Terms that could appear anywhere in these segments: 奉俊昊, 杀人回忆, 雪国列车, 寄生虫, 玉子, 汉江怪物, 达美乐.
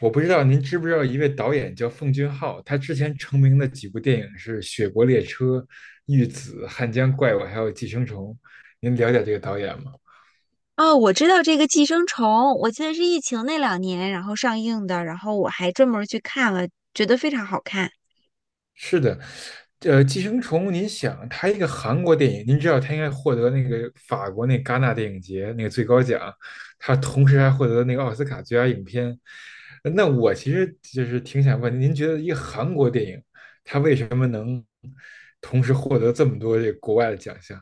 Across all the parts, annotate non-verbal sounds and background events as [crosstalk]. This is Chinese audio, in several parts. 我不知道您知不知道一位导演叫奉俊昊，他之前成名的几部电影是《雪国列车》《玉子》《汉江怪物》还有《寄生虫》。您了解这个导演吗？哦，我知道这个《寄生虫》，我记得是疫情那两年然后上映的，然后我还专门儿去看了，觉得非常好看。是的。《寄生虫》，您想，他一个韩国电影，您知道他应该获得那个法国那戛纳电影节那个最高奖，他同时还获得那个奥斯卡最佳影片。那我其实就是挺想问您，您觉得一个韩国电影，他为什么能同时获得这么多这个国外的奖项？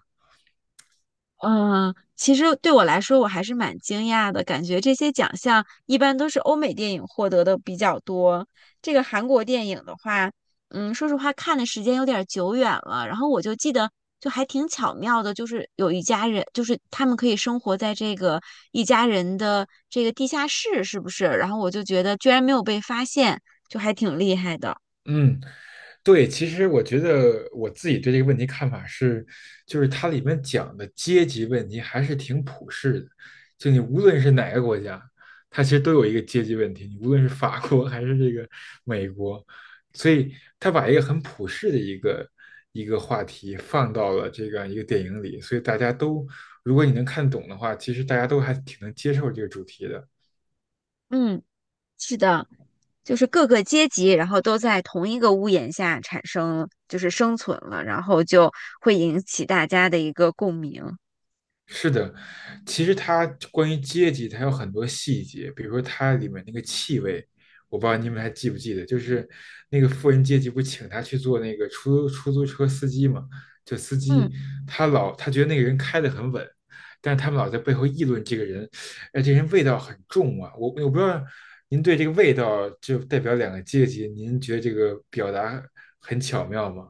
嗯，其实对我来说，我还是蛮惊讶的，感觉这些奖项一般都是欧美电影获得的比较多。这个韩国电影的话，嗯，说实话看的时间有点儿久远了，然后我就记得就还挺巧妙的，就是有一家人，就是他们可以生活在这个一家人的这个地下室，是不是？然后我就觉得居然没有被发现，就还挺厉害的。嗯，对，其实我觉得我自己对这个问题看法是，就是它里面讲的阶级问题还是挺普世的，就你无论是哪个国家，它其实都有一个阶级问题，你无论是法国 [laughs] 还是这个美国，所以他把一个很普世的一个话题放到了这样一个电影里，所以大家都，如果你能看懂的话，其实大家都还挺能接受这个主题的。嗯。是的，就是各个阶级，然后都在同一个屋檐下产生，就是生存了，然后就会引起大家的一个共鸣。是的，其实它关于阶级，它有很多细节，比如说它里面那个气味，我不知道你们还记不记得，就是那个富人阶级不请他去做那个出租车司机嘛，就司嗯。机他觉得那个人开的很稳，但是他们老在背后议论这个人，哎，这人味道很重啊，我不知道您对这个味道就代表两个阶级，您觉得这个表达很巧妙吗？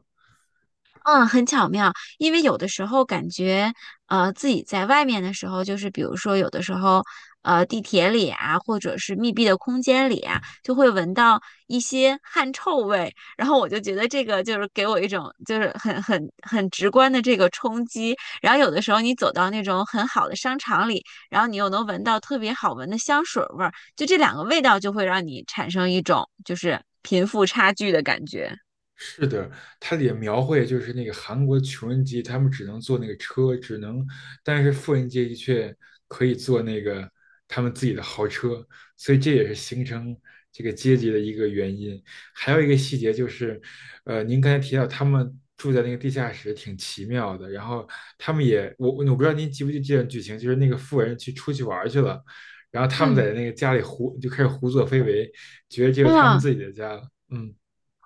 嗯，很巧妙，因为有的时候感觉，自己在外面的时候，就是比如说有的时候，地铁里啊，或者是密闭的空间里啊，就会闻到一些汗臭味，然后我就觉得这个就是给我一种就是很直观的这个冲击。然后有的时候你走到那种很好的商场里，然后你又能闻到特别好闻的香水味儿，就这两个味道就会让你产生一种就是贫富差距的感觉。是的，它也描绘就是那个韩国穷人阶级，他们只能坐那个车，只能，但是富人阶级却可以坐那个他们自己的豪车，所以这也是形成这个阶级的一个原因。还有一个细节就是，您刚才提到他们住在那个地下室挺奇妙的，然后他们也，我不知道您记不记得这段剧情，就是那个富人去出去玩儿去了，然后他们嗯，在那个家里就开始胡作非为，觉得这是他们嗯，自己的家了。嗯。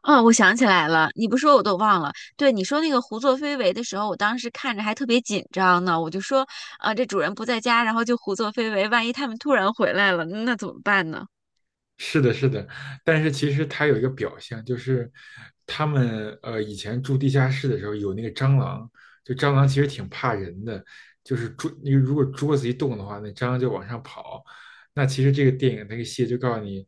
哦，我想起来了，你不说我都忘了。对，你说那个胡作非为的时候，我当时看着还特别紧张呢。我就说，啊、这主人不在家，然后就胡作非为，万一他们突然回来了，那怎么办呢？是的，是的，但是其实它有一个表象，就是他们以前住地下室的时候有那个蟑螂，就蟑螂其实挺怕人的，就是桌那个如果桌子一动的话，那蟑螂就往上跑。那其实这个电影那个戏就告诉你，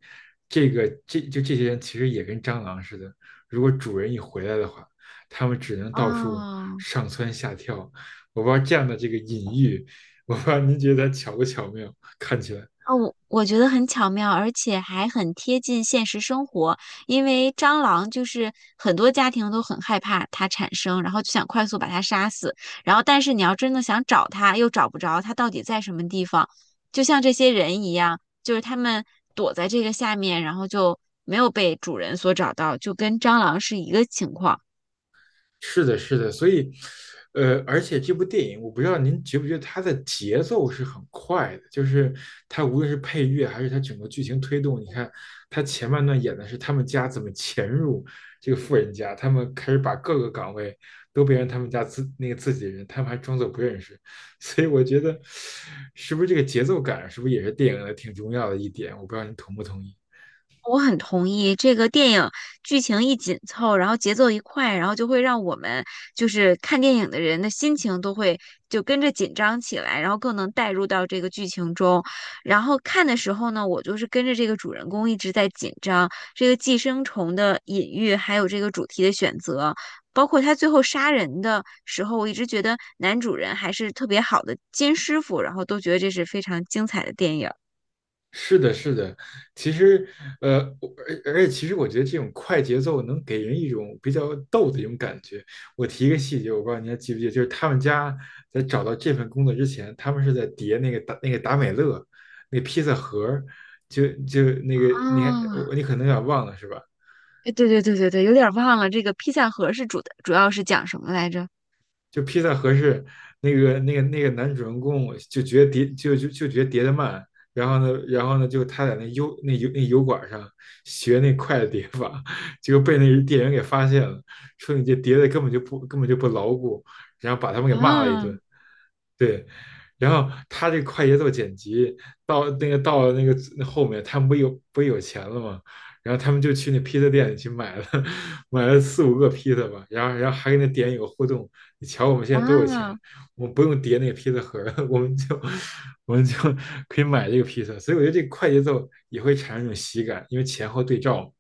这些人其实也跟蟑螂似的，如果主人一回来的话，他们只能到处啊、上蹿下跳。我不知道这样的这个隐喻，我不知道您觉得它巧不巧妙，看起来。哦，我觉得很巧妙，而且还很贴近现实生活。因为蟑螂就是很多家庭都很害怕它产生，然后就想快速把它杀死。然后，但是你要真的想找它，又找不着它到底在什么地方，就像这些人一样，就是他们躲在这个下面，然后就没有被主人所找到，就跟蟑螂是一个情况。是的，是的，所以，而且这部电影，我不知道您觉不觉得它的节奏是很快的，就是它无论是配乐还是它整个剧情推动，你看它前半段演的是他们家怎么潜入这个富人家，他们开始把各个岗位都变成他们家自那个自己人，他们还装作不认识，[laughs] 所以我觉得是不是这个节奏感，是不是也是电影的挺重要的一点？我不知道您同不同意。我很同意，这个电影剧情一紧凑，然后节奏一快，然后就会让我们就是看电影的人的心情都会就跟着紧张起来，然后更能带入到这个剧情中。然后看的时候呢，我就是跟着这个主人公一直在紧张，这个寄生虫的隐喻，还有这个主题的选择，包括他最后杀人的时候，我一直觉得男主人还是特别好的金师傅，然后都觉得这是非常精彩的电影是的，是的，其实，呃，我而且其实我觉得这种快节奏能给人一种比较逗的一种感觉。我提一个细节，我不知道你还记不记得，就是他们家在找到这份工作之前，他们是在叠那个达美乐那个披萨盒儿，就就那个你还啊。我你可能有点忘了是吧？哎，对对对对对，有点儿忘了这个披萨盒是主的，主要是讲什么来着？就披萨合适，那个男主人公就觉得叠得慢，然后呢,就他在那油管上学那快的叠法，结果被那店员给发现了，说你这叠的根本就不牢固，然后把他们给骂了一啊。顿。对，然后他这快节奏剪辑到了那个后面，他们不有钱了吗？然后他们就去那披萨店里去买了 [laughs] 买了四五个披萨吧，然后还跟那店员有互动，你瞧我们现在多有钱，啊。我们不用叠那个披萨盒儿，[laughs] 我们就可以买这个披萨，所以我觉得这个快节奏也会产生一种喜感，因为前后对照嘛。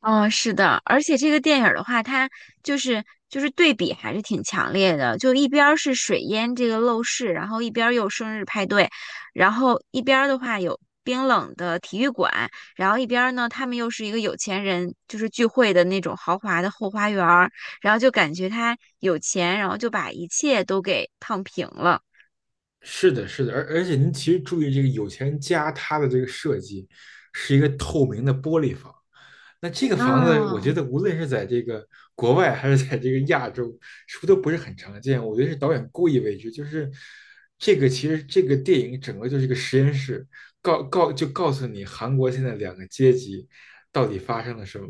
哦，是的，而且这个电影儿的话，它就是对比还是挺强烈的，就一边儿是水淹这个陋室，然后一边儿又生日派对，然后一边儿的话有冰冷的体育馆，然后一边儿呢他们又是一个有钱人就是聚会的那种豪华的后花园儿，然后就感觉他有钱，然后就把一切都给烫平了。是的，是的，而且您其实注意这个有钱人家他的这个设计是一个透明的玻璃房，那这个房子我觉啊。得无论是在这个国外还是在这个亚洲，是不是都不是很常见？我觉得是导演故意为之，就是这个其实这个电影整个就是一个实验室，告诉你韩国现在两个阶级到底发生了什么，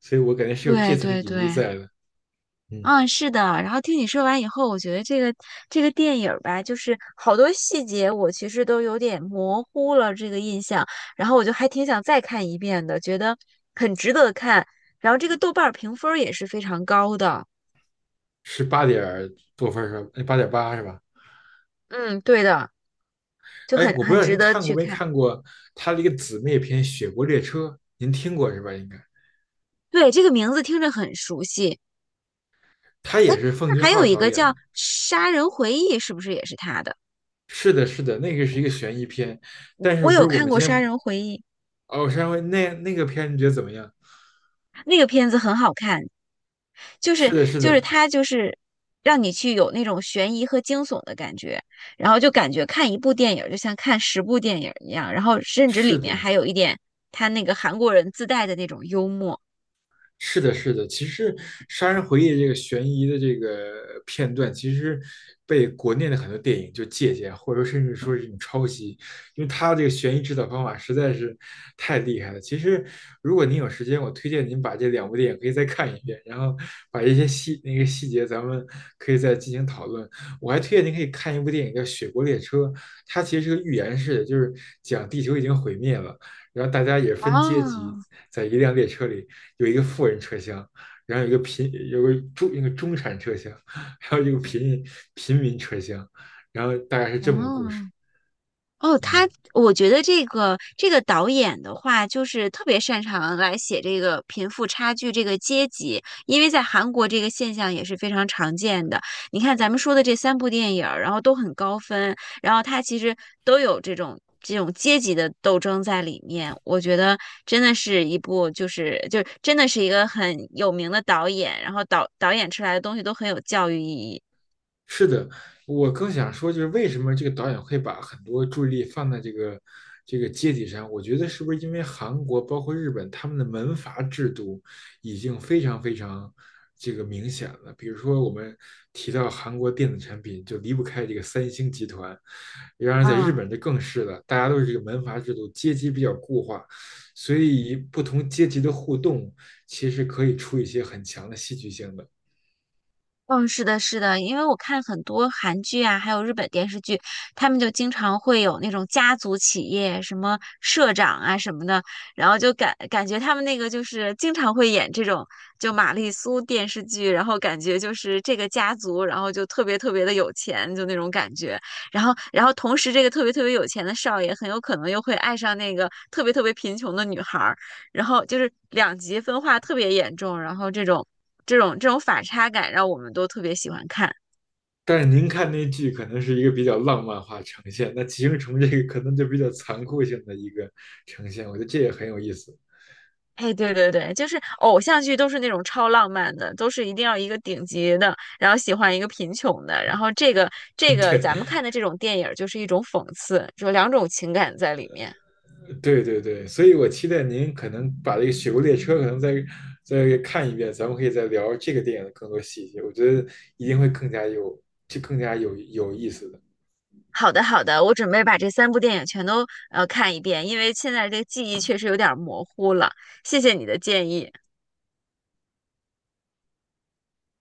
所以我感觉是有这对层对隐喻对，在的。嗯，嗯，是的。然后听你说完以后，我觉得这个电影儿吧，就是好多细节我其实都有点模糊了这个印象，然后我就还挺想再看一遍的，觉得很值得看。然后这个豆瓣儿评分儿也是非常高的，是八点多分儿是吧？哎八点八是吧？嗯，对的，就哎，很我不很知道值您得看过去没看。看过他的一个姊妹篇《雪国列车》，您听过是吧？应该，对，这个名字听着很熟悉。他也是奉那俊还有昊一导个演叫的。《杀人回忆》，是不是也是他的？是的，是的，那个是一个悬疑片，我但是我不有是我看们过今《杀天人回忆》，哦，上回那个片你觉得怎么样？那个片子很好看。就是是的，是的，它就是让你去有那种悬疑和惊悚的感觉，然后就感觉看一部电影就像看十部电影一样，然后甚至里是面的，还有一点他那个韩国人自带的那种幽默。是的，是的，其实《杀人回忆》这个悬疑的这个片段，其实被国内的很多电影就借鉴，或者说甚至说是一种抄袭，因为它这个悬疑制造方法实在是太厉害了。其实，如果您有时间，我推荐您把这两部电影可以再看一遍，然后把一些细那个细节咱们可以再进行讨论。我还推荐您可以看一部电影叫《雪国列车》，它其实是个寓言式的，就是讲地球已经毁灭了。然后大家也分阶级，啊。在一辆列车里有一个富人车厢，然后有一个贫有个中一个中产车厢，[laughs] 还有一个贫民车厢，然后大概是这么个故事。啊！哦，嗯。他，我觉得这个导演的话，就是特别擅长来写这个贫富差距、这个阶级，因为在韩国这个现象也是非常常见的。你看咱们说的这三部电影儿，然后都很高分，然后他其实都有这种阶级的斗争在里面。我觉得真的是一部就是就真的是一个很有名的导演，然后导演出来的东西都很有教育意义。是的，我更想说，就是为什么这个导演会把很多注意力放在这个这个阶级上？我觉得是不是因为韩国包括日本他们的门阀制度已经非常非常这个明显了？比如说我们提到韩国电子产品，就离不开这个三星集团。然而在日啊。本这更是了，大家都是这个门阀制度，阶级比较固化，所以不同阶级的互动其实可以出一些很强的戏剧性的。嗯，是的，是的，因为我看很多韩剧啊，还有日本电视剧，他们就经常会有那种家族企业，什么社长啊什么的，然后就感觉他们那个就是经常会演这种就玛丽苏电视剧，然后感觉就是这个家族，然后就特别特别的有钱，就那种感觉，然后同时这个特别特别有钱的少爷很有可能又会爱上那个特别特别贫穷的女孩儿。然后就是两极分化特别严重，然后这种反差感让我们都特别喜欢看。但是您看那剧可能是一个比较浪漫化呈现，那寄生虫这个可能就比较残酷性的一个呈现，我觉得这也很有意思。哎，对对对，就是偶像剧都是那种超浪漫的，都是一定要一个顶级的，然后喜欢一个贫穷的，然后这个这 [laughs] 个对，咱们看的这种电影就是一种讽刺，就两种情感在里面。对对对，所以我期待您可能把这个《雪国列车》可能再看一遍，咱们可以再聊这个电影的更多细节，我觉得一定会更加有，就更加有意思的。好的，好的，我准备把这三部电影全都看一遍，因为现在这个记忆确实有点模糊了。谢谢你的建议。